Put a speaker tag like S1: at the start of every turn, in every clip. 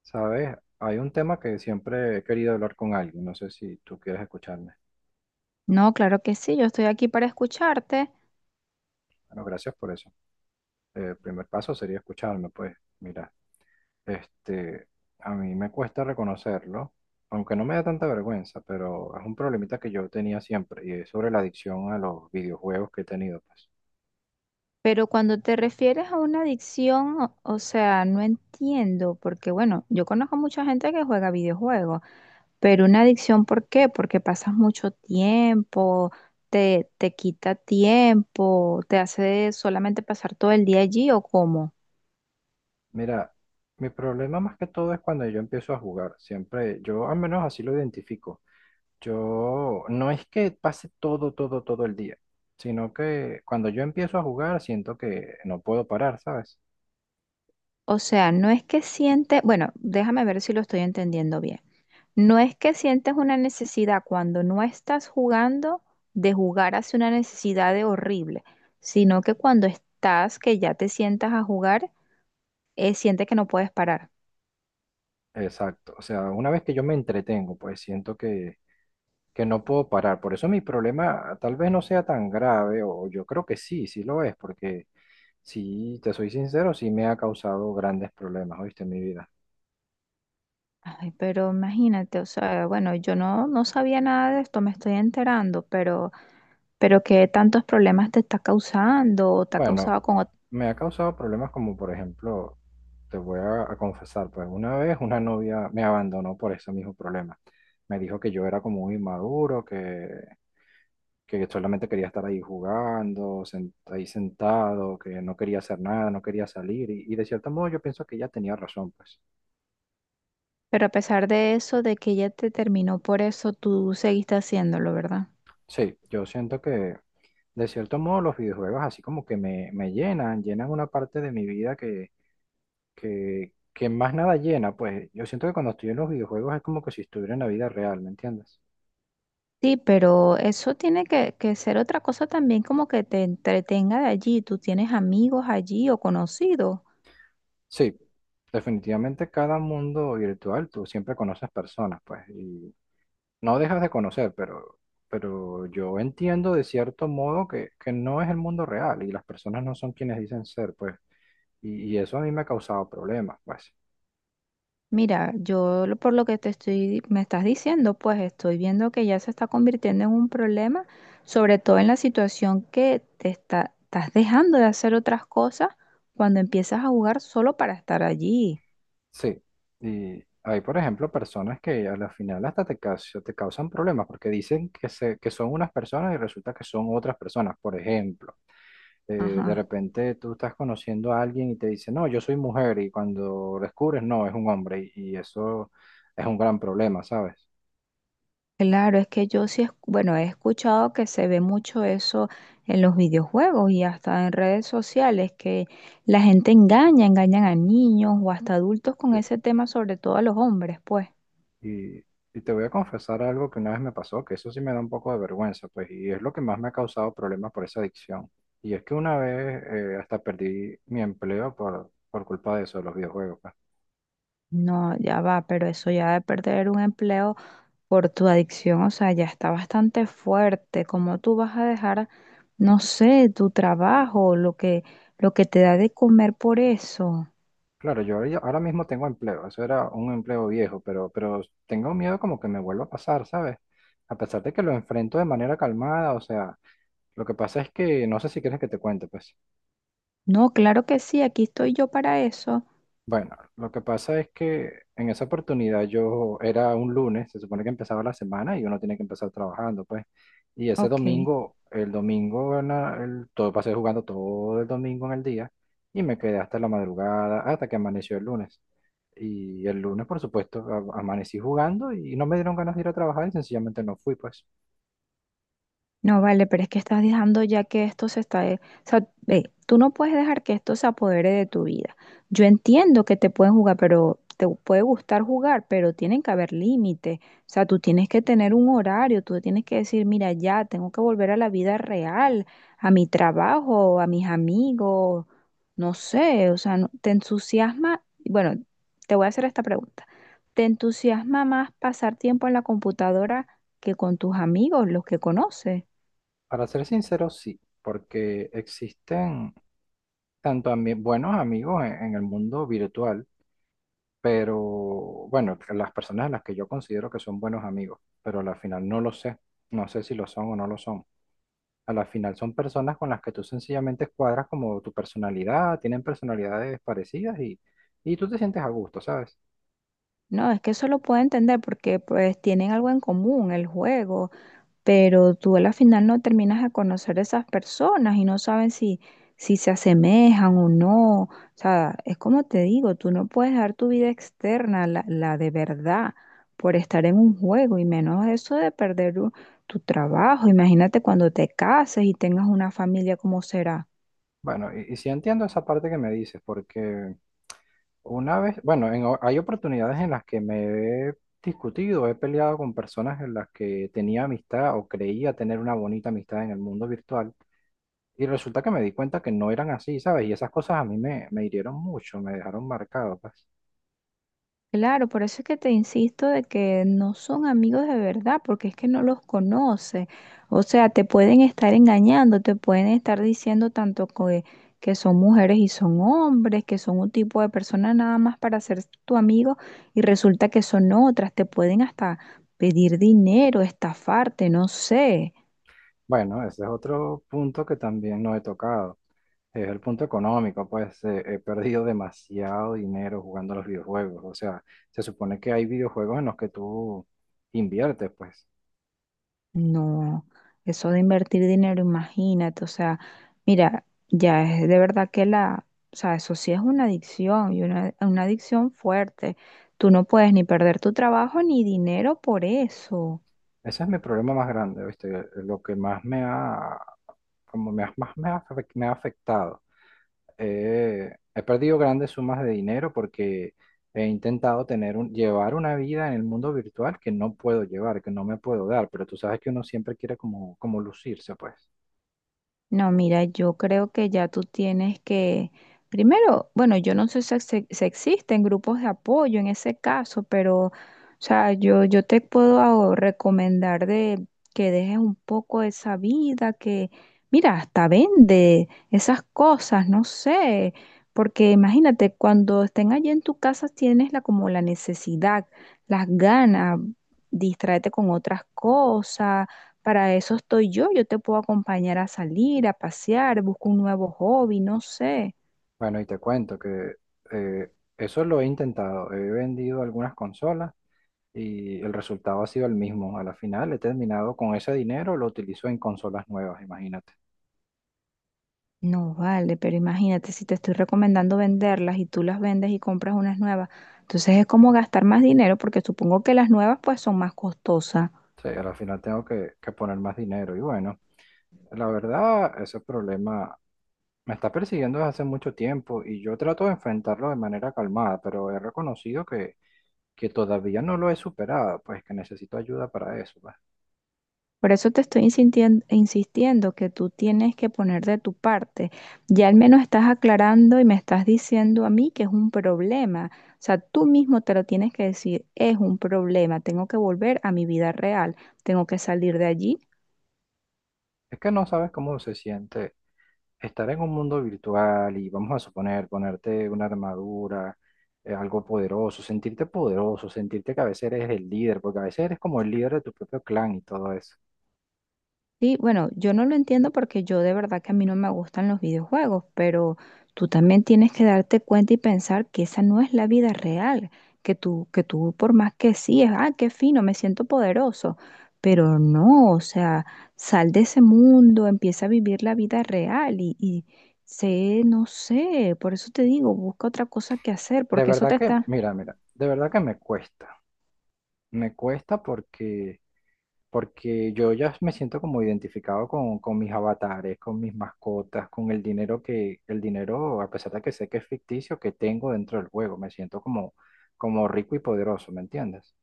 S1: Sabes, hay un tema que siempre he querido hablar con alguien, no sé si tú quieres escucharme.
S2: No, claro que sí, yo estoy aquí para escucharte,
S1: Bueno, gracias por eso. El primer paso sería escucharme, pues mira, este, a mí me cuesta reconocerlo, aunque no me da tanta vergüenza, pero es un problemita que yo tenía siempre y es sobre la adicción a los videojuegos que he tenido, pues.
S2: pero cuando te refieres a una adicción, o sea, no entiendo, porque bueno, yo conozco mucha gente que juega videojuegos, pero una adicción, ¿por qué? Porque pasas mucho tiempo, te quita tiempo, te hace solamente pasar todo el día allí o cómo.
S1: Mira, mi problema más que todo es cuando yo empiezo a jugar, siempre, yo al menos así lo identifico. Yo no es que pase todo el día, sino que cuando yo empiezo a jugar siento que no puedo parar, ¿sabes?
S2: O sea, no es que siente, bueno, déjame ver si lo estoy entendiendo bien. No es que sientes una necesidad cuando no estás jugando de jugar hacia una necesidad de horrible, sino que cuando estás, que ya te sientas a jugar, sientes que no puedes parar.
S1: Exacto. O sea, una vez que yo me entretengo, pues que no puedo parar. Por eso mi problema tal vez no sea tan grave, o yo creo que sí, sí lo es, porque si te soy sincero, sí me ha causado grandes problemas, ¿oíste? En mi vida.
S2: Ay, pero imagínate, o sea, bueno, yo no sabía nada de esto, me estoy enterando, pero qué tantos problemas te está causando o te ha
S1: Bueno,
S2: causado
S1: me ha causado problemas como por ejemplo, te voy a confesar, pues una vez una novia me abandonó por ese mismo problema. Me dijo que yo era como un inmaduro, que solamente quería estar ahí jugando, ahí sentado, que no quería hacer nada, no quería salir. Y de cierto modo yo pienso que ella tenía razón, pues.
S2: Pero a pesar de eso, de que ella te terminó por eso, tú seguiste haciéndolo, ¿verdad?
S1: Sí, yo siento que de cierto modo los videojuegos así como que me llenan, llenan una parte de mi vida que más nada llena, pues yo siento que cuando estoy en los videojuegos es como que si estuviera en la vida real, ¿me entiendes?
S2: Sí, pero eso tiene que ser otra cosa también como que te entretenga de allí. Tú tienes amigos allí o conocidos.
S1: Sí, definitivamente cada mundo virtual tú siempre conoces personas, pues, y no dejas de conocer, pero yo entiendo de cierto modo que no es el mundo real y las personas no son quienes dicen ser, pues, y eso a mí me ha causado problemas, pues.
S2: Mira, por lo que te estoy, me estás diciendo, pues estoy viendo que ya se está convirtiendo en un problema, sobre todo en la situación que estás dejando de hacer otras cosas cuando empiezas a jugar solo para estar allí.
S1: Sí, y hay, por ejemplo, personas que a la final hasta te causan problemas porque dicen que, se, que son unas personas y resulta que son otras personas. Por ejemplo, eh, de
S2: Ajá.
S1: repente tú estás conociendo a alguien y te dice, no, yo soy mujer y cuando descubres, no, es un hombre y eso es un gran problema, ¿sabes?
S2: Claro, es que bueno, he escuchado que se ve mucho eso en los videojuegos y hasta en redes sociales, que engañan a niños o hasta adultos con
S1: Sí.
S2: ese tema, sobre todo a los hombres, pues.
S1: Y, y te voy a confesar algo que una vez me pasó, que eso sí me da un poco de vergüenza, pues, y es lo que más me ha causado problemas por esa adicción. Y es que una vez hasta perdí mi empleo por culpa de eso, de los videojuegos, pues.
S2: No, ya va, pero eso ya de perder un empleo por tu adicción, o sea, ya está bastante fuerte. ¿Cómo tú vas a dejar, no sé, tu trabajo, lo que te da de comer por eso?
S1: Claro, yo ahora mismo tengo empleo, eso era un empleo viejo, pero tengo miedo como que me vuelva a pasar, ¿sabes? A pesar de que lo enfrento de manera calmada, o sea, lo que pasa es que no sé si quieres que te cuente, pues.
S2: No, claro que sí, aquí estoy yo para eso.
S1: Bueno, lo que pasa es que en esa oportunidad yo era un lunes, se supone que empezaba la semana y uno tiene que empezar trabajando, pues. Y ese
S2: Ok.
S1: domingo, el domingo, en la- el- todo pasé jugando todo el domingo en el día y me quedé hasta la madrugada, hasta que amaneció el lunes. Y el lunes, por supuesto, amanecí jugando y no me dieron ganas de ir a trabajar y sencillamente no fui, pues.
S2: No, vale, pero es que estás dejando ya que esto se está... de- o sea, ve, tú no puedes dejar que esto se apodere de tu vida. Yo entiendo que te pueden jugar, pero te puede gustar jugar, pero tienen que haber límites. O sea, tú tienes que tener un horario, tú tienes que decir, mira, ya tengo que volver a la vida real, a mi trabajo, a mis amigos, no sé, o sea, te entusiasma, bueno, te voy a hacer esta pregunta. ¿Te entusiasma más pasar tiempo en la computadora que con tus amigos, los que conoces?
S1: Para ser sincero, sí, porque existen tanto buenos amigos en el mundo virtual, pero bueno, las personas a las que yo considero que son buenos amigos, pero a la final no lo sé, no sé si lo son o no lo son. A la final son personas con las que tú sencillamente cuadras como tu personalidad, tienen personalidades parecidas y tú te sientes a gusto, ¿sabes?
S2: No, es que eso lo puedo entender porque pues tienen algo en común, el juego, pero tú a la final no terminas de conocer a esas personas y no saben si, si se asemejan o no. O sea, es como te digo, tú no puedes dar tu vida externa, la de verdad, por estar en un juego y menos eso de tu trabajo. Imagínate cuando te cases y tengas una familia, ¿cómo será?
S1: Bueno, y sí entiendo esa parte que me dices, porque una vez, bueno, hay oportunidades en las que me he discutido, he peleado con personas en las que tenía amistad o creía tener una bonita amistad en el mundo virtual. Y resulta que me di cuenta que no eran así, ¿sabes? Y esas cosas a mí me hirieron mucho, me dejaron marcado, pues.
S2: Claro, por eso es que te insisto de que no son amigos de verdad, porque es que no los conoces. O sea, te pueden estar engañando, te pueden estar diciendo tanto que son mujeres y son hombres, que son un tipo de persona nada más para ser tu amigo y resulta que son otras. Te pueden hasta pedir dinero, estafarte, no sé.
S1: Bueno, ese es otro punto que también no he tocado. Es el punto económico, pues he perdido demasiado dinero jugando a los videojuegos. O sea, se supone que hay videojuegos en los que tú inviertes, pues.
S2: No, eso de invertir dinero, imagínate, o sea, mira, ya es de verdad que la, o sea, eso sí es una adicción y una adicción fuerte. Tú no puedes ni perder tu trabajo ni dinero por eso.
S1: Ese es mi problema más grande, ¿viste? Lo que más me ha, como me ha- más me ha, afec- me ha afectado. He perdido grandes sumas de dinero porque he intentado llevar una vida en el mundo virtual que no puedo llevar, que no me puedo dar, pero tú sabes que uno siempre quiere como lucirse, pues.
S2: No, mira, yo creo que ya tú tienes que, primero, bueno, yo no sé si existen grupos de apoyo en ese caso, pero, o sea, yo te puedo ah, recomendar de que dejes un poco esa vida, que, mira, hasta vende esas cosas, no sé, porque imagínate, cuando estén allí en tu casa tienes la, como la necesidad, las ganas, distraerte con otras cosas para eso estoy yo, yo te puedo acompañar a salir, a pasear, busco un nuevo hobby, no sé.
S1: Bueno, y te cuento que eh, eso lo he intentado. He vendido algunas consolas y el resultado ha sido el mismo. A la final he terminado con ese dinero, lo utilizo en consolas nuevas, imagínate.
S2: No vale, pero imagínate si te estoy recomendando venderlas y tú las vendes y compras unas nuevas, entonces es como gastar más dinero porque supongo que las nuevas pues son más costosas.
S1: Sí, al final que poner más dinero. Y bueno, la verdad, ese problema me está persiguiendo desde hace mucho tiempo y yo trato de enfrentarlo de manera calmada, pero he reconocido que todavía no lo he superado, pues que necesito ayuda para eso.
S2: Por eso te estoy insistiendo que tú tienes que poner de tu parte. Ya al menos estás aclarando y me estás diciendo a mí que es un problema. O sea, tú mismo te lo tienes que decir, es un problema, tengo que volver a mi vida real, tengo que salir de allí.
S1: Es que no sabes cómo se siente estar en un mundo virtual y vamos a suponer ponerte una armadura, algo poderoso, sentirte que a veces eres el líder, porque a veces eres como el líder de tu propio clan y todo eso.
S2: Sí, bueno, yo no lo entiendo porque yo de verdad que a mí no me gustan los videojuegos, pero tú también tienes que darte cuenta y pensar que esa no es la vida real, que tú por más que sí, es, ah, qué fino, me siento poderoso, pero no, o sea, sal de ese mundo, empieza a vivir la vida real y sé, no sé, por eso te digo, busca otra cosa que hacer,
S1: De
S2: porque eso
S1: verdad
S2: te
S1: que,
S2: está...
S1: mira, mira, de verdad que me cuesta. Me cuesta porque yo ya me siento como identificado con mis avatares, con mis mascotas, con el dinero el dinero, a pesar de que sé que es ficticio, que tengo dentro del juego. Me siento como rico y poderoso, ¿me entiendes?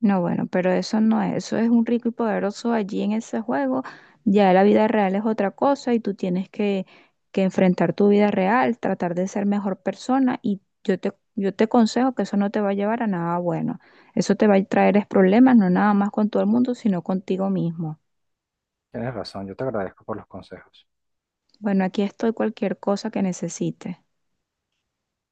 S2: No, bueno, pero eso no es, eso es un rico y poderoso allí en ese juego. Ya la vida real es otra cosa y tú tienes que enfrentar tu vida real, tratar de ser mejor persona y yo te aconsejo que eso no te va a llevar a nada bueno. Eso te va a traer es problemas, no nada más con todo el mundo, sino contigo mismo.
S1: Tienes razón, yo te agradezco por los consejos.
S2: Bueno, aquí estoy cualquier cosa que necesites.